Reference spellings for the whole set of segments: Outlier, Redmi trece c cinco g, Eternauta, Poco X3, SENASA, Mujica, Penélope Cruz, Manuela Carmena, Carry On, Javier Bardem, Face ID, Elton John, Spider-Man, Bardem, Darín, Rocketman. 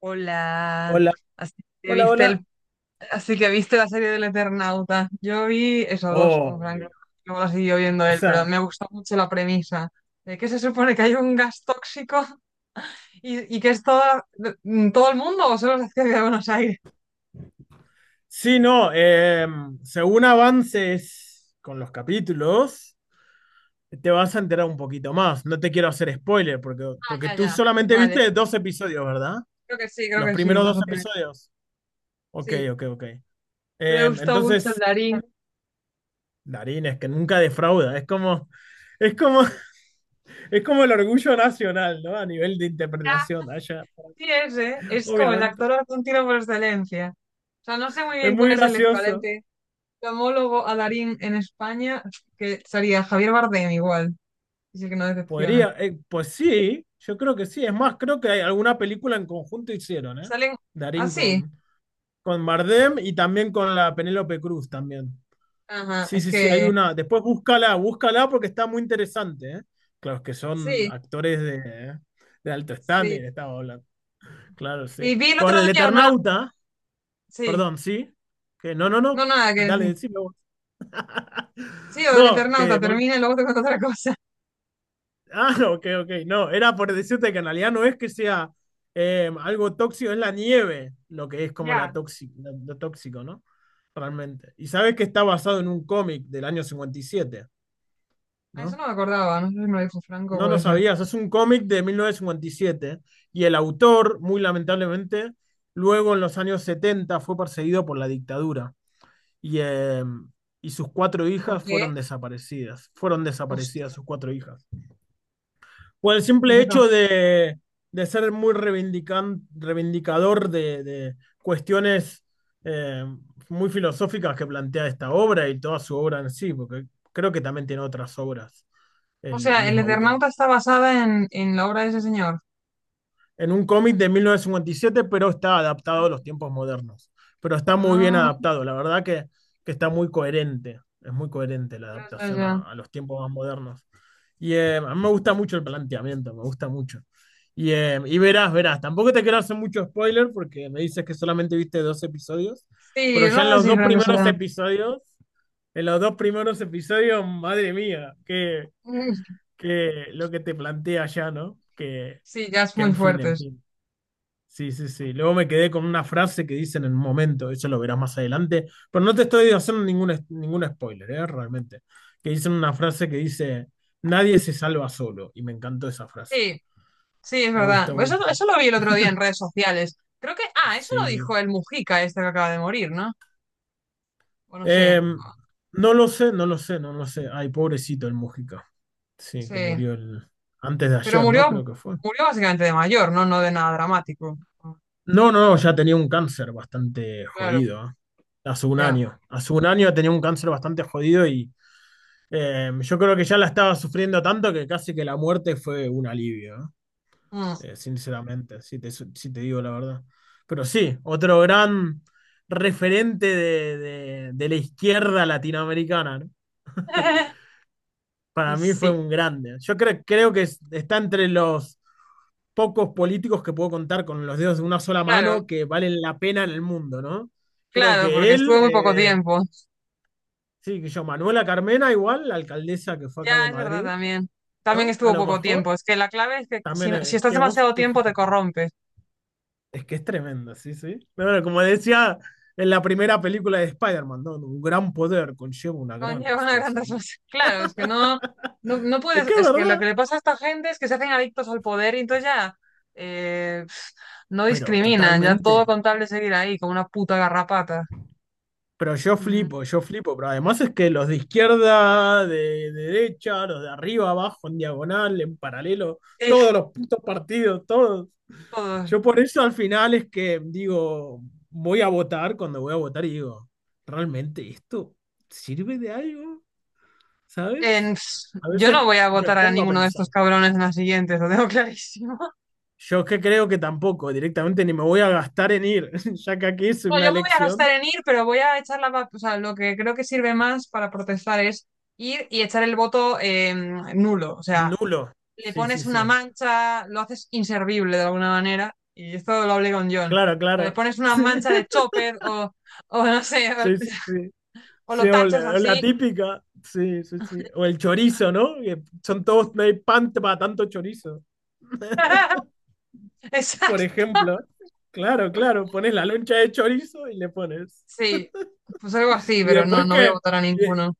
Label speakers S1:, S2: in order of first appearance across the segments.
S1: Hola,
S2: Hola,
S1: así que
S2: hola, hola.
S1: viste la serie del Eternauta. Yo vi eso dos con
S2: Oh,
S1: Frank. Luego la siguió viendo
S2: o
S1: él, pero
S2: sea,
S1: me gustó mucho la premisa de que se supone que hay un gas tóxico y que es todo el mundo o solo se hacía de Buenos Aires.
S2: sí, no, según avances con los capítulos, te vas a enterar un poquito más. No te quiero hacer spoiler, porque,
S1: Ah,
S2: porque
S1: ya,
S2: tú
S1: ya.
S2: solamente
S1: Vale,
S2: viste dos episodios, ¿verdad?
S1: creo
S2: Los
S1: que sí,
S2: primeros
S1: dos
S2: dos
S1: o tres.
S2: episodios. Ok,
S1: Sí,
S2: ok, ok.
S1: me
S2: Eh,
S1: gustó mucho el
S2: entonces,
S1: Darín.
S2: Darín es que nunca defrauda. Es como, es como el orgullo nacional, ¿no? A nivel de interpretación allá,
S1: Sí, ese es como el
S2: obviamente.
S1: actor argentino por excelencia. O sea, no sé muy
S2: Es
S1: bien cuál
S2: muy
S1: es el
S2: gracioso.
S1: equivalente Camólogo a Darín en España, que sería Javier Bardem igual, es el que no decepciona.
S2: Podría, pues sí, yo creo que sí. Es más, creo que hay alguna película en conjunto hicieron, ¿eh?
S1: Salen
S2: Darín
S1: así.
S2: con Bardem y también con la Penélope Cruz también.
S1: Ajá,
S2: Sí,
S1: es
S2: sí, sí, hay
S1: que
S2: una. Después búscala, búscala porque está muy interesante, ¿eh? Claro, es que son
S1: sí,
S2: actores de alto
S1: sí.
S2: standing, estaba hablando. Claro,
S1: Y
S2: sí,
S1: vi el otro
S2: por el
S1: día una,
S2: Eternauta,
S1: sí,
S2: perdón, sí. Que no, no,
S1: no
S2: no.
S1: nada que
S2: Dale,
S1: decir.
S2: decime vos.
S1: Sí, o del
S2: No,
S1: Eternauta,
S2: que.
S1: termina y luego te cuento otra cosa.
S2: Ah, ok, ok. No, era por decirte que en realidad no es que sea algo tóxico, es la nieve lo que es como la
S1: Ya.
S2: tóxico, lo tóxico, ¿no? Realmente. Y sabes que está basado en un cómic del año 57,
S1: Ah, eso
S2: ¿no?
S1: no me acordaba, no sé si me lo dijo Franco,
S2: No lo
S1: puede ser.
S2: sabías, es un cómic de 1957 y el autor, muy lamentablemente, luego en los años 70 fue perseguido por la dictadura y, eh, y sus cuatro
S1: ¿Por
S2: hijas
S1: qué?
S2: fueron desaparecidas
S1: Hostia,
S2: sus cuatro hijas. O el
S1: es
S2: simple
S1: verdad.
S2: hecho de ser muy reivindicador de cuestiones eh, muy filosóficas que plantea esta obra y toda su obra en sí, porque creo que también tiene otras obras
S1: O
S2: el
S1: sea, el
S2: mismo autor.
S1: Eternauta está basada en la obra de ese señor.
S2: En un cómic de 1957, pero está adaptado a los tiempos modernos. Pero está muy bien
S1: Ah,
S2: adaptado, la verdad que está muy coherente, es muy coherente la
S1: ya, ya,
S2: adaptación
S1: ya.
S2: a los tiempos más modernos. Y a mí me gusta mucho el planteamiento, me gusta mucho. Y verás, verás, tampoco te quiero hacer mucho spoiler porque me dices que solamente viste dos episodios,
S1: Sí,
S2: pero ya
S1: no
S2: en
S1: sé
S2: los
S1: si
S2: dos
S1: Franco
S2: primeros
S1: será.
S2: episodios, en los dos primeros episodios, madre mía, que,
S1: Mm.
S2: que lo que te plantea ya, ¿no? Que,
S1: Sí, ya es
S2: que
S1: muy
S2: en fin,
S1: fuerte.
S2: en fin. Sí, sí, sí. Luego me quedé con una frase que dicen en un momento, eso lo verás más adelante, pero no te estoy haciendo ningún spoiler, ¿eh? Realmente. Que dicen una frase que dice, nadie se salva solo, y me encantó esa frase.
S1: Sí, sí, es
S2: Me
S1: verdad.
S2: gusta mucho.
S1: Eso lo vi el otro día en redes sociales. Creo que, ah, eso lo
S2: Sí.
S1: dijo el Mujica, este que acaba de morir, ¿no? O no sé,
S2: Em, no lo sé, no lo sé, no lo sé. Ay, pobrecito el Mujica. Sí, que
S1: sí.
S2: murió el... antes de
S1: Pero
S2: ayer, ¿no?
S1: murió,
S2: Creo que fue.
S1: murió básicamente de mayor, ¿no? No de nada dramático.
S2: No, no, no, ya tenía un cáncer bastante
S1: Claro,
S2: jodido, ¿eh? Hace un
S1: ya.
S2: año. Hace un año tenía un cáncer bastante jodido y yo creo que ya la estaba sufriendo tanto que casi que la muerte fue un alivio, ¿no?
S1: Mm.
S2: Sinceramente, si te digo la verdad. Pero sí, otro gran referente de la izquierda latinoamericana, ¿no?
S1: Y
S2: Para mí fue
S1: sí,
S2: un grande. Yo creo que está entre los pocos políticos que puedo contar con los dedos de una sola
S1: claro,
S2: mano que valen la pena en el mundo, ¿no? Creo
S1: claro,
S2: que
S1: porque
S2: él,
S1: estuvo muy poco tiempo.
S2: sí, que yo, Manuela Carmena igual, la alcaldesa que fue acá
S1: Ya,
S2: de
S1: es verdad
S2: Madrid,
S1: también. También
S2: ¿no? A
S1: estuvo
S2: lo
S1: poco
S2: mejor.
S1: tiempo. Es que la clave es que si,
S2: También,
S1: si
S2: es
S1: estás
S2: que vos,
S1: demasiado
S2: tú
S1: tiempo te
S2: fíjate,
S1: corrompes.
S2: es que es tremendo, sí, sí. Pero bueno, como decía en la primera película de Spider-Man, ¿no? Un gran poder conlleva una gran
S1: Conlleva una gran
S2: responsabilidad.
S1: responsabilidad. Claro, es que no, no, no
S2: Es
S1: puedes,
S2: que es
S1: es que lo que
S2: verdad,
S1: le pasa a esta gente es que se hacen adictos al poder y entonces ya pf, no
S2: pero
S1: discriminan, ya todo
S2: totalmente.
S1: contable seguir ahí como una puta garrapata.
S2: Pero
S1: Mm,
S2: yo flipo, pero además es que los de izquierda, de, derecha, los de arriba, abajo, en diagonal, en paralelo,
S1: sí,
S2: todos los putos partidos, todos.
S1: todos.
S2: Yo por eso al final es que digo, voy a votar cuando voy a votar y digo, ¿realmente esto sirve de algo? ¿Sabes? A
S1: Yo
S2: veces
S1: no voy a
S2: me
S1: votar a
S2: pongo a
S1: ninguno de
S2: pensar.
S1: estos cabrones en las siguientes, lo tengo clarísimo.
S2: Yo que creo que tampoco, directamente ni me voy a gastar en ir, ya que aquí es
S1: No,
S2: una
S1: yo me voy a gastar
S2: elección,
S1: en ir, pero voy a echar o sea, lo que creo que sirve más para protestar es ir y echar el voto nulo. O sea,
S2: nulo.
S1: le
S2: Sí, sí,
S1: pones una
S2: sí.
S1: mancha, lo haces inservible de alguna manera, y esto lo hablé con John. O
S2: Claro,
S1: sea, le
S2: claro.
S1: pones una
S2: Sí,
S1: mancha de chopper o no sé, o,
S2: sí, sí. Sí,
S1: o
S2: sí,
S1: lo
S2: o
S1: tachas
S2: la
S1: así.
S2: típica. Sí, sí, sí. O el chorizo, ¿no? Que son todos, no hay pan para tanto chorizo, por
S1: Exacto.
S2: ejemplo. Claro, claro. Pones la loncha de chorizo y le pones.
S1: Sí, pues algo así,
S2: Y
S1: pero no,
S2: después
S1: no voy a
S2: que.
S1: votar a ninguno.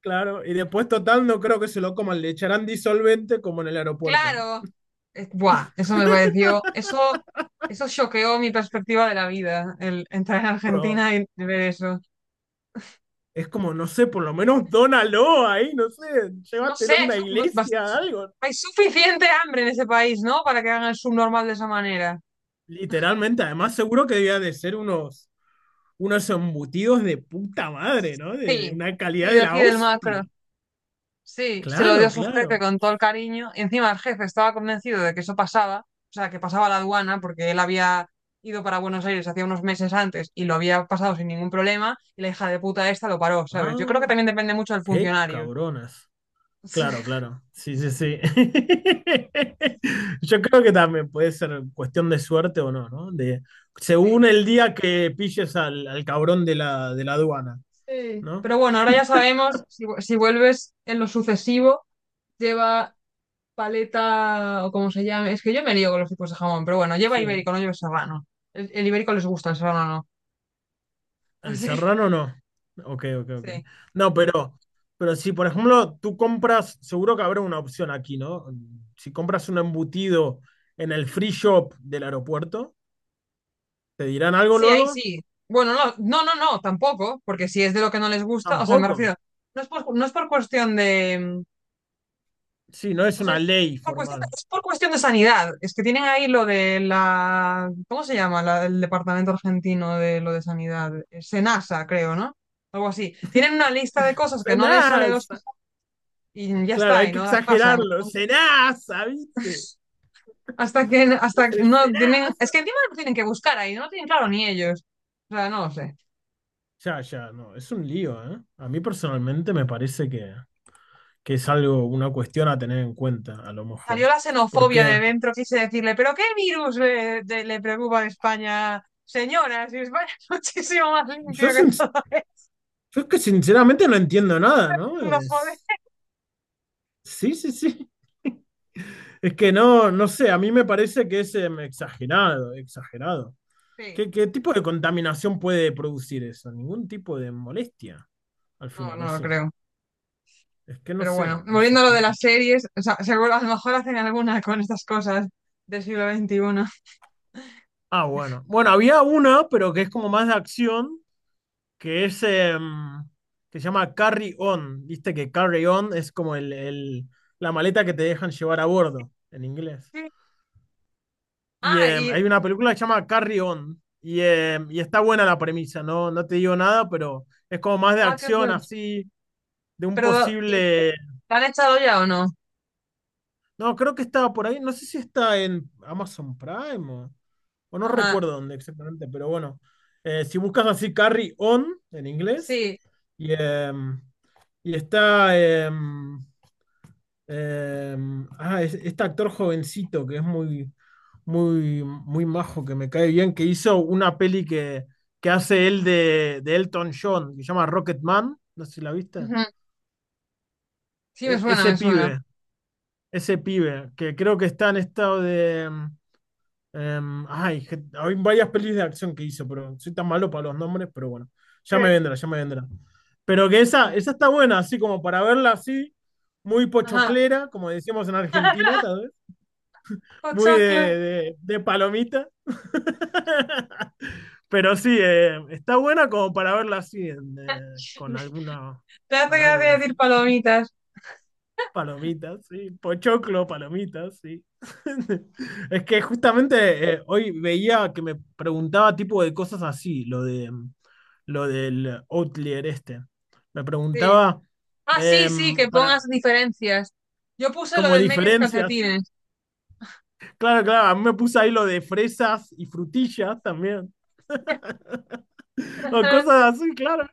S2: Claro, y después total no creo que se lo coman, le echarán disolvente como en el aeropuerto, ¿no?
S1: Claro, buah, eso me pareció, eso choqueó mi perspectiva de la vida, el entrar en
S2: Pero
S1: Argentina y ver eso.
S2: es como, no sé, por lo menos dónalo ahí, no sé,
S1: No sé,
S2: llévatelo a una iglesia,
S1: bas-
S2: algo.
S1: hay suficiente hambre en ese país, ¿no? Para que hagan el subnormal de esa manera.
S2: Literalmente, además seguro que debía de ser unos embutidos de puta madre, ¿no? De
S1: Sí,
S2: una calidad
S1: sí,
S2: de
S1: de aquí
S2: la
S1: del macro.
S2: hostia.
S1: Sí, se lo dio a
S2: Claro,
S1: su jefe
S2: claro.
S1: con todo el cariño. Y encima el jefe estaba convencido de que eso pasaba, o sea, que pasaba la aduana, porque él había ido para Buenos Aires hacía unos meses antes y lo había pasado sin ningún problema. Y la hija de puta esta lo paró, ¿sabes? Yo creo que
S2: Ah,
S1: también depende mucho del
S2: qué
S1: funcionario.
S2: cabronas. Claro, claro. Sí, sí, sí. Yo creo que también puede ser cuestión de suerte o no, ¿no? De,
S1: Sí.
S2: según el día que pilles al cabrón de la aduana,
S1: Sí.
S2: ¿no?
S1: Pero bueno, ahora ya sabemos, si vuelves en lo sucesivo, lleva paleta o como se llame. Es que yo me lío con los tipos de jamón, pero bueno, lleva
S2: Sí.
S1: ibérico, no lleva serrano. El ibérico les gusta, el serrano no.
S2: El
S1: Así,
S2: serrano no. Ok, ok, ok.
S1: sí.
S2: No, pero si, por ejemplo, tú compras, seguro que habrá una opción aquí, ¿no? Si compras un embutido en el free shop del aeropuerto, ¿te dirán algo
S1: Sí, ahí
S2: luego?
S1: sí. Bueno, no, no, no, no, tampoco, porque si es de lo que no les gusta, o sea, me
S2: Tampoco.
S1: refiero, no es por cuestión
S2: Sí, no es
S1: o sea,
S2: una ley formal.
S1: es por cuestión de sanidad. Es que tienen ahí lo de la, ¿cómo se llama? La, el Departamento Argentino de lo de Sanidad, SENASA, creo, ¿no? Algo así. Tienen una lista de cosas que no les sale dos
S2: Cenas.
S1: cosas y ya
S2: Claro,
S1: está,
S2: hay
S1: y
S2: que
S1: no las pasan.
S2: exagerarlo. Serasa, ¿viste?
S1: Hasta
S2: Es
S1: que
S2: el
S1: no tienen, es
S2: Serasa.
S1: que encima no tienen que buscar ahí, no lo tienen claro ni ellos. O sea, no lo sé.
S2: Ya, ya, no, es un lío, ¿eh? A mí personalmente me parece que es algo, una cuestión a tener en cuenta, a lo
S1: Salió
S2: mejor.
S1: la xenofobia
S2: Porque
S1: de dentro, quise decirle, ¿pero qué virus le preocupa a España, señora? Si España es muchísimo más
S2: yo,
S1: limpio que todo esto,
S2: yo es que sinceramente no entiendo nada, ¿no?
S1: no joder.
S2: Es, sí, sí, sí. Es que no sé, a mí me parece que es exagerado, exagerado.
S1: Sí,
S2: ¿Qué tipo de contaminación puede producir eso? Ningún tipo de molestia, al
S1: no,
S2: final, o
S1: no lo
S2: sí.
S1: creo.
S2: Es que no
S1: Pero
S2: sé,
S1: bueno,
S2: no sé.
S1: volviendo
S2: A
S1: a lo de las series, o sea, seguro a lo mejor hacen alguna con estas cosas del siglo XXI.
S2: Ah, bueno. Bueno, había una, pero que es como más de acción, que es que se llama Carry On. Viste que Carry On es como la maleta que te dejan llevar a bordo en inglés.
S1: Sí.
S2: Y
S1: Ah,
S2: em,
S1: y,
S2: hay una película que se llama Carry On. Y está buena la premisa, ¿no? No te digo nada, pero es como más de
S1: ah, qué
S2: acción,
S1: bueno.
S2: así, de un
S1: Pero, ¿y
S2: posible.
S1: la han echado ya o no?
S2: No, creo que estaba por ahí. No sé si está en Amazon Prime o no
S1: Ajá,
S2: recuerdo dónde exactamente, pero bueno. Si buscas así Carry On en inglés,
S1: sí.
S2: y, em, y está este actor jovencito que es muy, muy, muy majo, que me cae bien, que hizo una peli que hace él de Elton John, que se llama Rocketman. No sé si la viste.
S1: Ujú. Sí, me
S2: E-
S1: suena,
S2: ese
S1: me suena.
S2: pibe, ese pibe, que creo que está en estado de. Em, ay, hay varias pelis de acción que hizo, pero soy tan malo para los nombres, pero bueno,
S1: Sí.
S2: ya me vendrá, ya me vendrá. Pero que esa está buena, así como para verla así, muy
S1: Ajá,
S2: pochoclera, como decíamos en Argentina, tal vez, muy de,
S1: pochoclo.
S2: de- de palomita. Pero sí, está buena como para verla así, en, con alguna,
S1: Te hace
S2: con alguien
S1: gracia decir
S2: así.
S1: palomitas.
S2: Palomitas, sí. Pochoclo, palomitas, sí. Es que justamente hoy veía que me preguntaba tipo de cosas así, lo del Outlier este. Me
S1: Sí.
S2: preguntaba
S1: Ah, sí, sí, que
S2: para
S1: pongas diferencias. Yo puse lo
S2: como
S1: de medias y
S2: diferencias.
S1: calcetines.
S2: Claro, claro, a mí me puse ahí lo de fresas y frutillas también. O cosas así, claro.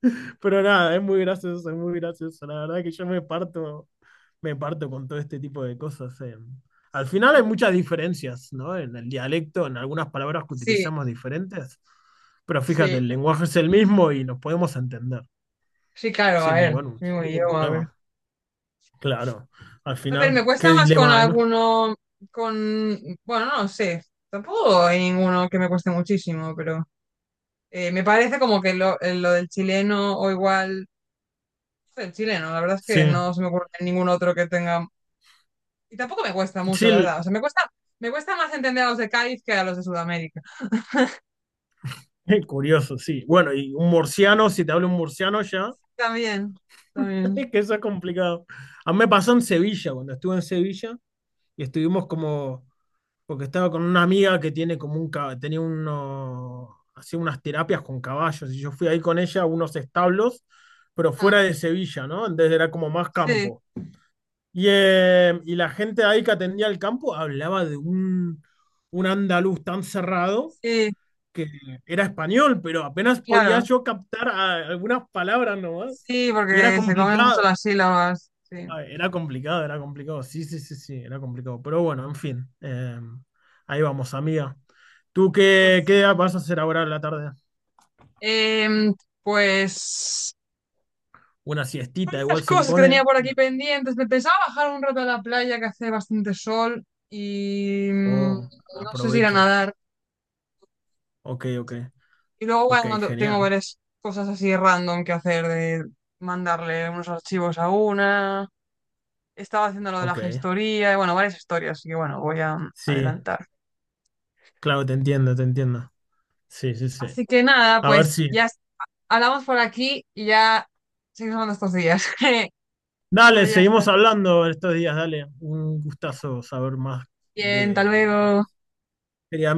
S2: Pero nada, es muy gracioso, es muy gracioso. La verdad que yo me parto con todo este tipo de cosas. Al final hay muchas diferencias, ¿no? En el dialecto, en algunas palabras que
S1: Sí,
S2: utilizamos diferentes, pero fíjate,
S1: sí,
S2: el lenguaje es el mismo y nos podemos entender
S1: sí, claro, a
S2: sin
S1: ver,
S2: ningún, sin
S1: mismo
S2: ningún
S1: idioma, a ver.
S2: problema. Claro, al
S1: A ver, me
S2: final,
S1: cuesta
S2: qué
S1: más con
S2: dilema hay, ¿no?
S1: alguno, con, bueno, no sé, tampoco hay ninguno que me cueste muchísimo, pero me parece como que lo del chileno o igual, el chileno, la verdad es
S2: Sí,
S1: que no se me ocurre ningún otro que tenga, y tampoco me cuesta mucho,
S2: sí,
S1: la verdad, o sea, me cuesta más entender a los de Cádiz que a los de Sudamérica.
S2: curioso, sí. Bueno, y un murciano, si te hablo un murciano ya,
S1: También, también.
S2: es que eso es complicado. A mí me pasó en Sevilla, cuando estuve en Sevilla. Y estuvimos como, porque estaba con una amiga que tiene como tenía uno, hacía unas terapias con caballos, y yo fui ahí con ella a unos establos, pero fuera de Sevilla, ¿no? Entonces era como más
S1: Sí,
S2: campo. Y la gente ahí que atendía el campo hablaba de un andaluz tan cerrado
S1: sí,
S2: que era español, pero apenas podía
S1: claro.
S2: yo captar algunas palabras nomás,
S1: Sí,
S2: y era
S1: porque se comen mucho
S2: complicado.
S1: las sílabas. Sí,
S2: Ay, era complicado, era complicado. Sí, sí, sí, sí, era complicado. Pero bueno, en fin. Ahí vamos, amiga. ¿Tú
S1: pues
S2: qué,
S1: sí.
S2: qué vas a hacer ahora en la tarde?
S1: Em, pues
S2: ¿Una siestita
S1: varias
S2: igual se
S1: cosas que tenía
S2: impone?
S1: por aquí pendientes. Me pensaba bajar un rato a la playa que hace bastante sol y
S2: O
S1: no sé si ir a
S2: aprovecha.
S1: nadar.
S2: Ok, ok.
S1: Y luego,
S2: Ok,
S1: bueno, tengo
S2: genial.
S1: varias cosas así random que hacer de mandarle unos archivos a una. Estaba haciendo lo de la
S2: Ok.
S1: gestoría y bueno, varias historias. Y bueno, voy a
S2: Sí,
S1: adelantar.
S2: claro, te entiendo, te entiendo. Sí, sí, sí.
S1: Así que nada,
S2: A ver
S1: pues
S2: si.
S1: hablamos por aquí y ya seguimos nuestros días.
S2: Dale,
S1: Pero ya está.
S2: seguimos hablando estos días, dale. Un gustazo saber más
S1: Bien, hasta
S2: de...
S1: luego.
S2: Quería